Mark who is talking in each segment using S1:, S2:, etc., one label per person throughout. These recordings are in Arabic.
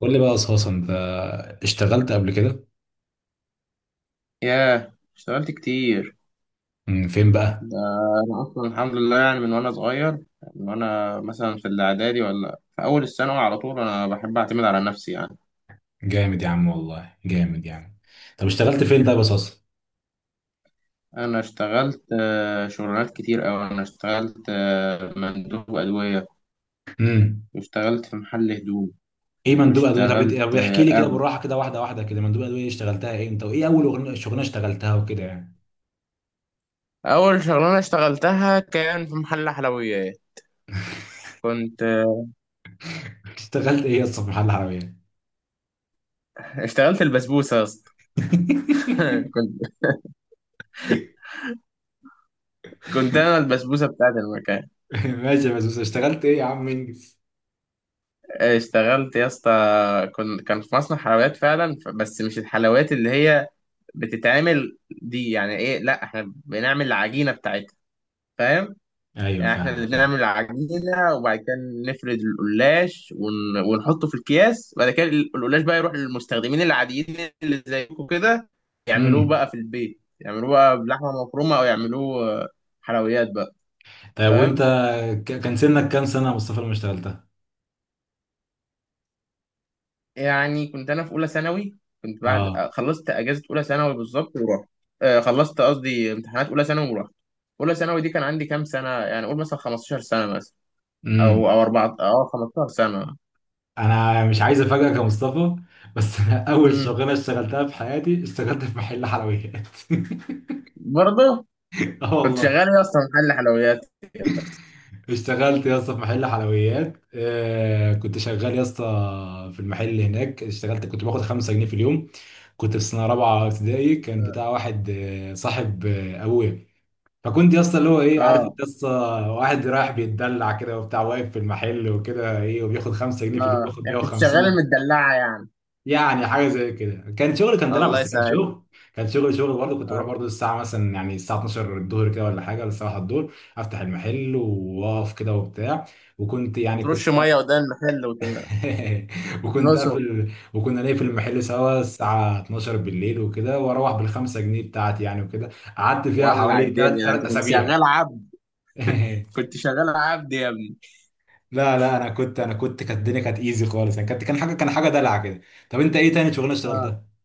S1: قول لي بقى أساسا أنت اشتغلت قبل كده؟
S2: ياه، اشتغلت كتير.
S1: مم، فين بقى؟
S2: ده أنا أصلا الحمد لله، يعني من وأنا صغير، من وأنا مثلا في الإعدادي ولا في أول الثانوي، على طول أنا بحب أعتمد على نفسي يعني.
S1: جامد يا عم، والله جامد يا عم. طب اشتغلت فين طيب أساسا؟
S2: أنا اشتغلت شغلانات كتير أوي. أنا اشتغلت مندوب أدوية،
S1: امم.
S2: واشتغلت في محل هدوم،
S1: إيه مندوب أدوية؟ طب طب
S2: واشتغلت
S1: احكي لي كده
S2: أمن.
S1: بالراحة كده واحدة واحدة كده. مندوب أدوية اشتغلتها إيه أنت؟ وإيه أول شغلانة اشتغلتها وكده يعني؟
S2: أول شغلانة اشتغلتها كان في محل حلويات. كنت آه،
S1: اشتغلت إيه يا اسطى في محل العربية؟
S2: اشتغلت البسبوسة يا اسطى. كنت كنت أنا البسبوسة بتاعت المكان.
S1: ماشي. بس اشتغلت إيه يا عم إنجز؟
S2: اشتغلت يا اسطى، كان في مصنع حلويات فعلا، بس مش الحلويات اللي هي بتتعمل دي، يعني ايه، لا احنا بنعمل العجينة بتاعتها، فاهم؟
S1: أيوه
S2: يعني احنا
S1: فاهمك،
S2: اللي
S1: فاهم.
S2: بنعمل العجينة، وبعد كده نفرد القلاش ونحطه في الأكياس، بعد كده القلاش بقى يروح للمستخدمين العاديين اللي زيكم كده، يعملوه
S1: امم.
S2: بقى في البيت، يعملوه بقى بلحمة مفرومة، او يعملوه حلويات بقى،
S1: طيب وأنت
S2: فاهم.
S1: كان سنك كام سنة يا مصطفى لما اشتغلتها؟
S2: يعني كنت انا في اولى ثانوي. كنت بعد
S1: أه.
S2: خلصت اجازه اولى ثانوي بالظبط ورحت، خلصت قصدي امتحانات اولى ثانوي ورحت. اولى ثانوي دي كان عندي كام سنه؟ يعني اقول مثلا 15 سنه مثلا، او اربعه، 15 سنه.
S1: انا مش عايز افاجئك يا مصطفى، بس انا اول
S2: امم.
S1: شغلانه اشتغلتها في حياتي اشتغلت في محل حلويات.
S2: برضه
S1: اه
S2: كنت
S1: والله.
S2: شغال إيه اصلا، محل حلويات.
S1: اشتغلت يا اسطى في محل حلويات، كنت شغال يا اسطى في المحل هناك. اشتغلت كنت باخد 5 جنيه في اليوم، كنت في سنه رابعه ابتدائي. كان
S2: اه.
S1: بتاع واحد، صاحب ابويا. فكنت يا اسطى اللي هو ايه،
S2: اه.
S1: عارف انت يا اسطى، واحد رايح بيتدلع كده وبتاع، واقف في المحل وكده، ايه، وبياخد 5 جنيه في اليوم، بياخد
S2: يعني كنت شغال
S1: 150 جنيه.
S2: المدلعه يعني.
S1: يعني حاجه زي كده، كان شغل كان دلع،
S2: الله
S1: بس كان
S2: يسهل.
S1: شغل. كان شغل شغل برضه. كنت بروح
S2: اه.
S1: برضه الساعه مثلا، يعني الساعه 12 الظهر كده، ولا حاجه، ولا الساعه 1 الظهر، افتح المحل، واقف كده وبتاع. وكنت يعني
S2: بترش
S1: كنت
S2: ميه قدام المحل
S1: وكنت
S2: وتكنسه.
S1: قافل، وكنا نقفل المحل سوا الساعه 12 بالليل وكده، واروح بالخمسة جنيه بتاعتي يعني وكده. قعدت فيها
S2: ولع
S1: حوالي ثلاث
S2: الدنيا، انت
S1: ثلاث
S2: كنت
S1: اسابيع.
S2: شغال عبد، كنت شغال عبد يا ابني.
S1: لا لا، انا كنت، كانت الدنيا كانت ايزي خالص يعني، كانت، كان حاجه دلع كده. طب انت ايه تاني شغلانه
S2: اه.
S1: اشتغلتها؟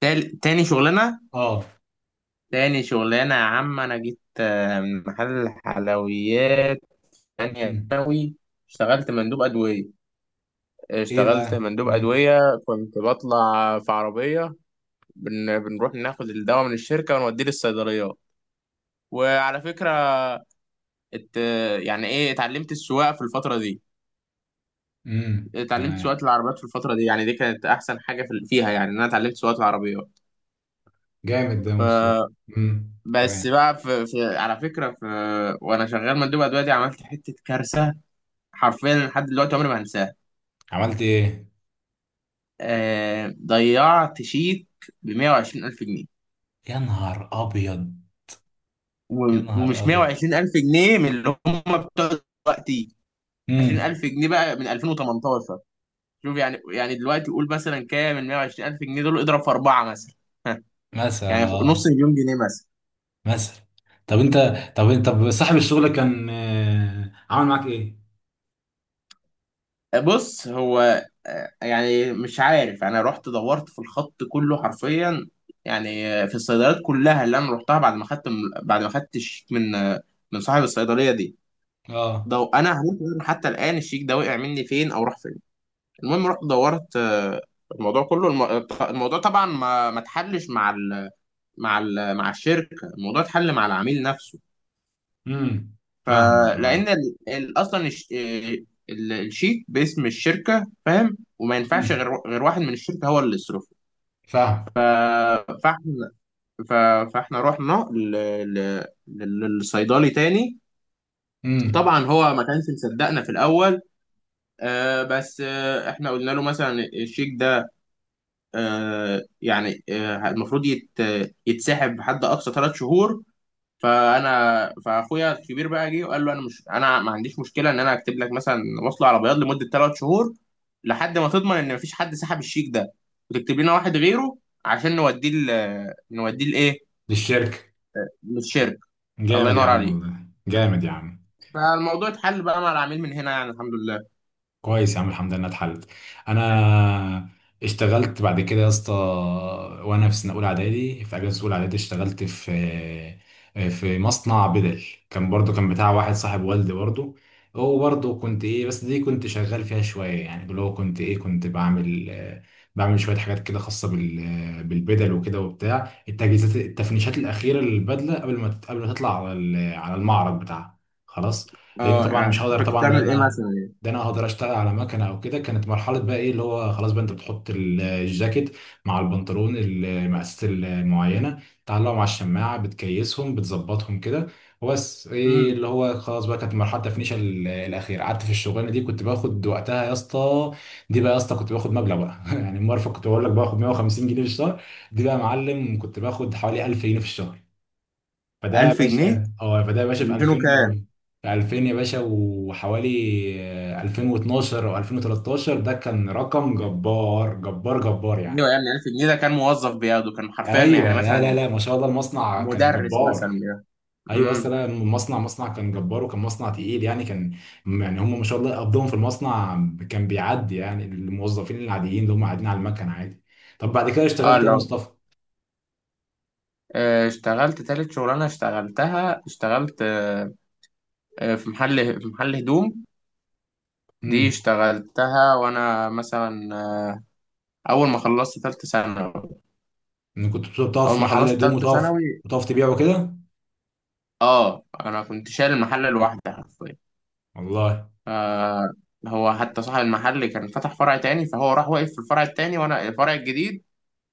S2: تاني شغلانه.
S1: اه.
S2: تاني شغلانة يا عم، أنا جيت من محل حلويات تانية ثانوي، اشتغلت مندوب أدوية.
S1: ايه
S2: اشتغلت
S1: بقى؟
S2: مندوب
S1: امم.
S2: أدوية، كنت بطلع في عربية. بنروح ناخد الدواء من الشركة ونوديه للصيدليات. وعلى فكرة، ات... يعني إيه، اتعلمت السواقة في الفترة دي.
S1: امم،
S2: اتعلمت
S1: تمام.
S2: سواقة العربيات في الفترة دي، يعني دي كانت أحسن حاجة فيها، يعني إن أنا اتعلمت سواقة العربيات.
S1: جامد ده يا
S2: ف...
S1: مصطفى. امم،
S2: بس
S1: تمام.
S2: بقى على فكرة وأنا شغال مندوب أدوية دي، عملت حتة كارثة حرفيا لحد دلوقتي عمري ما هنساه.
S1: عملت ايه؟
S2: ضيعت شيك ب 120 ألف جنيه.
S1: يا نهار ابيض. يا نهار
S2: ومش
S1: ابيض.
S2: 120 ألف جنيه من اللي هم بتوع دلوقتي، 20
S1: امم.
S2: ألف جنيه بقى من 2018. شوف يعني، يعني دلوقتي قول مثلا كام؟ من 120 ألف جنيه دول، اضرب في أربعة مثلا. يعني
S1: مثلا،
S2: نص
S1: اه.
S2: مليون جنيه مثلا.
S1: مثلا. طب انت، طب صاحب الشغل كان عامل معاك ايه؟
S2: بص، هو يعني مش عارف، انا رحت دورت في الخط كله حرفيا، يعني في الصيدليات كلها اللي انا رحتها بعد ما خدت الشيك من من صاحب الصيدليه دي.
S1: اه.
S2: ده انا هموت وأعرف حتى الان الشيك ده وقع مني فين او راح فين. المهم رحت دورت، الموضوع كله، الموضوع طبعا ما اتحلش مع الشركه. الموضوع اتحل مع العميل نفسه.
S1: امم، فاهمك، اه.
S2: فلان اصلا الشيك باسم الشركه، فاهم، وما ينفعش
S1: امم.
S2: غير واحد من الشركه هو اللي يصرفه. ف-
S1: فاهمك.
S2: فاحنا ف- فاحنا رحنا للصيدلي تاني.
S1: امم.
S2: طبعا هو ما كانش مصدقنا في الاول. بس احنا قلنا له مثلا الشيك ده يعني المفروض يتسحب بحد اقصى 3 شهور. فاخويا الكبير بقى جه وقال له انا ما عنديش مشكله ان انا اكتب لك مثلا وصله على بياض لمده 3 شهور، لحد ما تضمن ان مفيش حد سحب الشيك ده، وتكتب لنا واحد غيره، عشان نوديه نوديه لايه،
S1: للشركة.
S2: للشركه. الله
S1: جامد يا
S2: ينور
S1: عم،
S2: عليك.
S1: والله جامد يا عم.
S2: فالموضوع اتحل بقى مع العميل من هنا يعني، الحمد لله.
S1: كويس يا عم، الحمد لله إنها اتحلت. انا اشتغلت بعد كده يا اسطى، وانا في سنه اولى اعدادي، في اجازه اولى اعدادي اشتغلت في في مصنع بدل. كان برضو كان بتاع واحد صاحب والدي برضو. هو برضو كنت ايه، بس دي كنت شغال فيها شويه يعني. اللي هو كنت ايه، كنت بعمل، بعمل شويه حاجات كده خاصه بال، بالبدل وكده وبتاع، التجهيزات، التفنيشات الاخيره للبدله قبل ما قبل ما تطلع على على المعرض بتاعها. خلاص. لان
S2: اه
S1: طبعا مش
S2: يعني
S1: هقدر
S2: كنت
S1: طبعا ان
S2: بتعمل ايه
S1: انا،
S2: مثلا يعني.
S1: ده انا اقدر اشتغل على مكنه او كده. كانت مرحله بقى ايه اللي هو خلاص بقى، انت بتحط الجاكيت مع البنطلون، المقاسات المعينه، تعلقهم على الشماعه، بتكيسهم، بتظبطهم كده، وبس. ايه
S2: امم.
S1: اللي هو خلاص بقى، كانت مرحله تفنيش الاخير. قعدت في الشغلانه دي كنت باخد وقتها يا اسطى، دي بقى يا اسطى، كنت باخد مبلغ بقى يعني المرفق كنت بقول لك باخد 150 جنيه في الشهر، دي بقى يا معلم كنت باخد حوالي 1000 جنيه في الشهر. فده يا
S2: 1000 جنيه.
S1: باشا، اه فده يا باشا في 2000 و...
S2: 200.
S1: في 2000 يا باشا وحوالي، 2012 او 2013. ده كان رقم جبار جبار جبار
S2: ايوه
S1: يعني.
S2: يعني 1000 جنيه ده كان موظف بياخده، كان حرفيا
S1: ايوه.
S2: يعني
S1: لا لا
S2: مثلا
S1: لا، ما شاء الله المصنع كان
S2: مدرس مثلا
S1: جبار.
S2: بياخده.
S1: ايوه،
S2: امم.
S1: اصل أنا المصنع، مصنع كان جبار، وكان مصنع تقيل يعني، كان يعني هم ما شاء الله قبضهم في المصنع، كان بيعدي يعني الموظفين العاديين اللي هم قاعدين على المكن عادي. طب بعد كده
S2: اه.
S1: اشتغلت ايه يا
S2: لو
S1: مصطفى؟
S2: اشتغلت تالت شغلانه اشتغلتها، اشتغلت في محل هدوم. دي
S1: امم.
S2: اشتغلتها وانا مثلا اول ما خلصت تالتة ثانوي.
S1: كنت بتقف
S2: اول
S1: في
S2: ما
S1: محل
S2: خلصت
S1: هدوم،
S2: تالتة
S1: وتقف؟
S2: ثانوي
S1: وتقف تبيعه كده؟
S2: اه انا كنت شايل المحل لوحدي حرفيا.
S1: والله.
S2: آه هو حتى صاحب المحل كان فتح فرع تاني، فهو راح واقف في الفرع التاني وانا الفرع الجديد.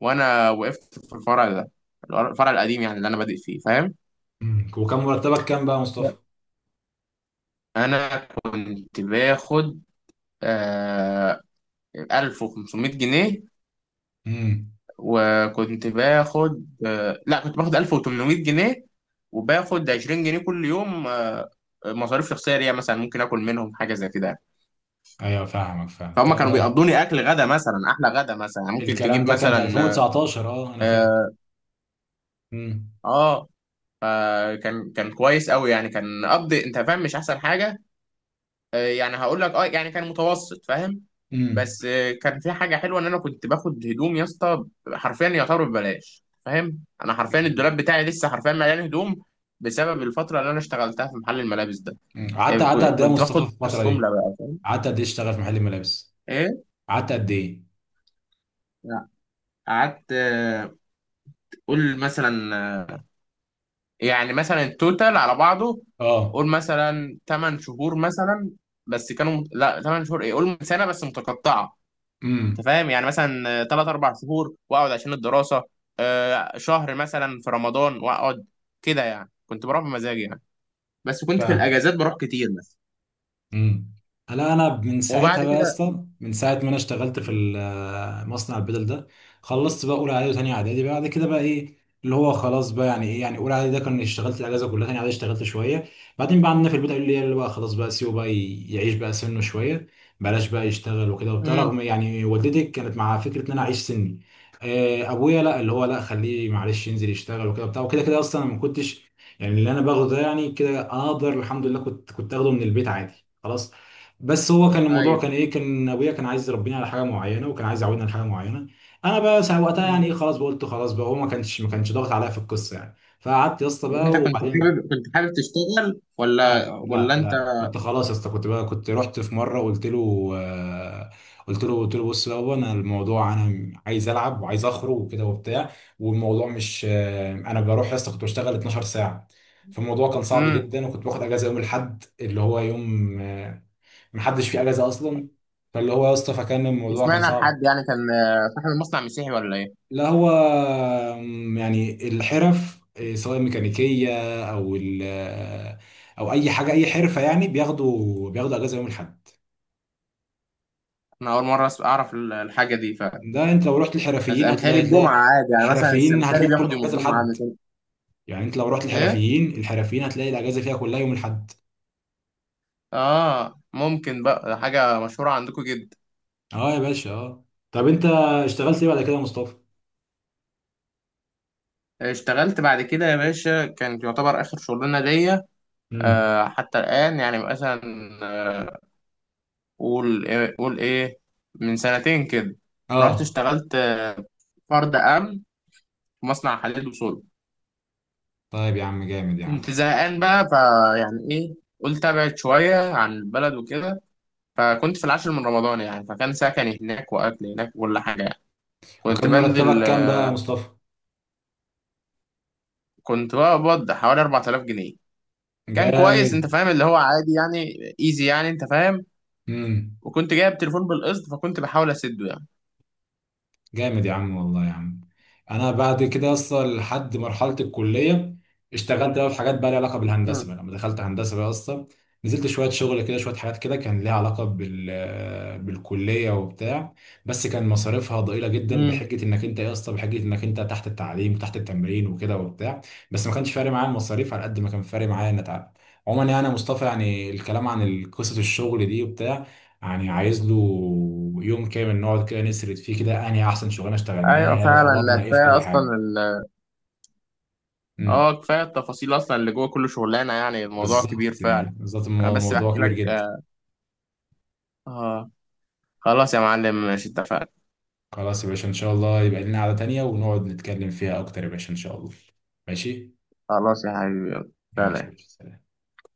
S2: وانا وقفت في الفرع ده، الفرع القديم يعني اللي انا بادئ فيه، فاهم.
S1: مم. وكان مرتبك كام بقى يا مصطفى؟
S2: لا. انا كنت باخد آه 1500 جنيه.
S1: امم.
S2: وكنت باخد لا، كنت باخد 1800 جنيه، وباخد 20 جنيه كل يوم، مصاريف شخصيه ليا مثلا، ممكن اكل منهم حاجه زي كده يعني.
S1: ايوه فاهمك، فاهم
S2: فهم
S1: الكلام
S2: كانوا
S1: ده.
S2: بيقضوني اكل غدا مثلا احلى غدا مثلا، يعني ممكن
S1: الكلام
S2: تجيب
S1: ده كان في
S2: مثلا.
S1: 2019 اه، انا فاكر. امم.
S2: اه. كان كويس قوي، يعني كان قبض، انت فاهم، مش احسن حاجه. يعني هقول لك، يعني كان متوسط، فاهم.
S1: امم.
S2: بس كان في حاجه حلوه ان انا كنت باخد هدوم يا اسطى، حرفيا يعتبر ببلاش، فاهم. انا حرفيا
S1: امم.
S2: الدولاب بتاعي لسه حرفيا مليان هدوم بسبب الفتره اللي انا اشتغلتها في محل الملابس ده.
S1: أمم. قعدت، قعدت قد ايه يا
S2: كنت
S1: مصطفى
S2: باخد
S1: في الفترة
S2: نفس جمله
S1: دي؟
S2: بقى.
S1: قعدت قد ايه اشتغل في محل الملابس؟
S2: ايه.
S1: قعدت قد ايه؟
S2: لا، قعدت، قول مثلا، يعني مثلا التوتال على بعضه،
S1: اه.
S2: قول مثلا 8 شهور مثلا. بس كانوا لا، 8 شهور، ايه، قول سنه بس متقطعه، انت
S1: امم.
S2: فاهم. يعني مثلا ثلاث اربع شهور واقعد عشان الدراسه، شهر مثلا في رمضان واقعد، كده يعني، كنت بروح بمزاجي يعني، بس كنت في
S1: فاهم.
S2: الاجازات بروح كتير مثلا،
S1: امم. هلا انا من
S2: وبعد
S1: ساعتها بقى يا
S2: كده.
S1: اسطى، من ساعه ما انا اشتغلت في مصنع البدل ده، خلصت بقى اولى اعدادي وثانيه اعدادي. بعد كده بقى ايه اللي هو خلاص بقى، يعني ايه يعني، اولى اعدادي ده كان اشتغلت الاجازه كلها، ثانيه اعدادي اشتغلت شويه. بعدين بقى عندنا في البيت قالوا لي يلا بقى خلاص بقى سيبه بقى يعيش بقى سنه شويه، بلاش بقى يشتغل وكده وبتاع،
S2: امم.
S1: رغم يعني والدتي كانت مع فكره ان انا اعيش سني. ابويا لا، اللي هو لا خليه معلش ينزل يشتغل وكده وبتاع وكده كده، اصلا انا ما كنتش يعني اللي انا باخده ده، يعني كده انا اقدر الحمد لله، كنت كنت اخده من البيت عادي. خلاص. بس هو كان الموضوع
S2: ايوه.
S1: كان ايه، كان ابويا كان عايز يربيني على حاجه معينه، وكان عايز يعودني على حاجه معينه. انا بقى ساعة وقتها يعني
S2: مم.
S1: ايه، خلاص بقى قلت خلاص بقى، هو ما كانش ضاغط عليا في القصه يعني، فقعدت يا اسطى بقى
S2: انت كنت
S1: وبعدين.
S2: حابب كنت حابب تشتغل ولا
S1: لا لا
S2: ولا انت؟
S1: لا، كنت خلاص يا اسطى، كنت بقى كنت رحت في مره قلت له، قلت له، بص بقى بابا، انا الموضوع، انا عايز العب وعايز اخرج وكده وبتاع، والموضوع مش، انا بروح يا اسطى كنت بشتغل 12 ساعه. فالموضوع كان صعب
S2: امم.
S1: جدا، وكنت باخد اجازه يوم الاحد، اللي هو يوم، محدش فيه اجازه اصلا. فاللي هو يا اسطى، فكان
S2: مش
S1: الموضوع كان
S2: معنى
S1: صعب.
S2: الحد يعني كان صاحب المصنع مسيحي ولا ايه؟
S1: لا، هو يعني الحرف إيه، سواء ميكانيكيه او ال، او اي حاجه اي حرفه يعني، بياخدوا اجازه يوم الاحد.
S2: انا اول مره اعرف الحاجه دي.
S1: ده انت لو رحت
S2: بس
S1: الحرفيين
S2: متهيألي
S1: هتلاقي،
S2: الجمعه عادي، يعني مثلا
S1: الحرفيين
S2: السمكري
S1: هتلاقي
S2: بياخد
S1: كلها
S2: يوم
S1: اجازه،
S2: الجمعه
S1: لحد
S2: عندك.
S1: يعني انت لو رحت
S2: ايه؟
S1: الحرفيين، الحرفيين هتلاقي الاجازه فيها كلها يوم الاحد.
S2: اه ممكن بقى، حاجه مشهوره عندكم جدا.
S1: اه يا باشا، اه. طب انت اشتغلت ايه بعد كده يا مصطفى؟
S2: اشتغلت بعد كده يا باشا، كانت يعتبر آخر شغلانة ليا
S1: امم.
S2: حتى الآن، يعني مثلا آه، قول إيه، من سنتين كده، رحت
S1: اه.
S2: اشتغلت فرد أمن في مصنع حديد وصلب.
S1: طيب يا عم، جامد يا
S2: كنت
S1: عم.
S2: زهقان بقى، فيعني إيه، قلت أبعد شوية عن البلد وكده، فكنت في العاشر من رمضان، يعني فكان سكني هناك وأكل هناك وكل حاجة يعني. كنت
S1: وكان
S2: بنزل،
S1: مرتبك كام بقى يا مصطفى؟
S2: كنت بقبض حوالي 4000 جنيه. كان كويس، انت
S1: جامد.
S2: فاهم، اللي هو عادي يعني، ايزي يعني، انت فاهم.
S1: امم.
S2: وكنت جايب تليفون بالقسط فكنت بحاول اسده يعني.
S1: جامد يا عم، والله يا عم. انا بعد كده اصلا لحد مرحله الكليه، اشتغلت بقى في حاجات بقى لها علاقه بالهندسه
S2: مم.
S1: بقى، لما دخلت هندسه بقى اصلا نزلت شويه شغل كده، شويه حاجات كده كان ليها علاقه بال بالكليه وبتاع. بس كان مصاريفها ضئيله جدا،
S2: مم.
S1: بحجه انك انت إيه يا اسطى، بحجه انك انت تحت التعليم تحت التمرين وكده وبتاع. بس ما كانش فارق معايا المصاريف على قد ما كان فارق معايا ان اتعب. عموما يعني يا مصطفى، يعني الكلام عن قصه الشغل دي وبتاع، يعني عايز له يوم كامل نقعد كده نسرد فيه كده انهي احسن شغلانه
S2: ايوه
S1: اشتغلناها
S2: فعلا، لا،
S1: وقبضنا ايه في
S2: كفايه
S1: كل
S2: اصلا
S1: حاجه. امم.
S2: اه، كفايه التفاصيل اصلا اللي جوه كل شغلانه، يعني الموضوع كبير
S1: بالظبط يعني،
S2: فعلا.
S1: بالظبط
S2: انا بس
S1: الموضوع
S2: بحكي
S1: كبير
S2: لك.
S1: جدا.
S2: اه آه، خلاص يا معلم، ماشي، اتفقنا.
S1: خلاص يا باشا، ان شاء الله يبقى لنا قعده تانية ونقعد نتكلم فيها اكتر يا باشا، ان شاء الله. ماشي.
S2: خلاص يا حبيبي، يلا.
S1: ماشي يا
S2: سلام.
S1: باشا، سلام.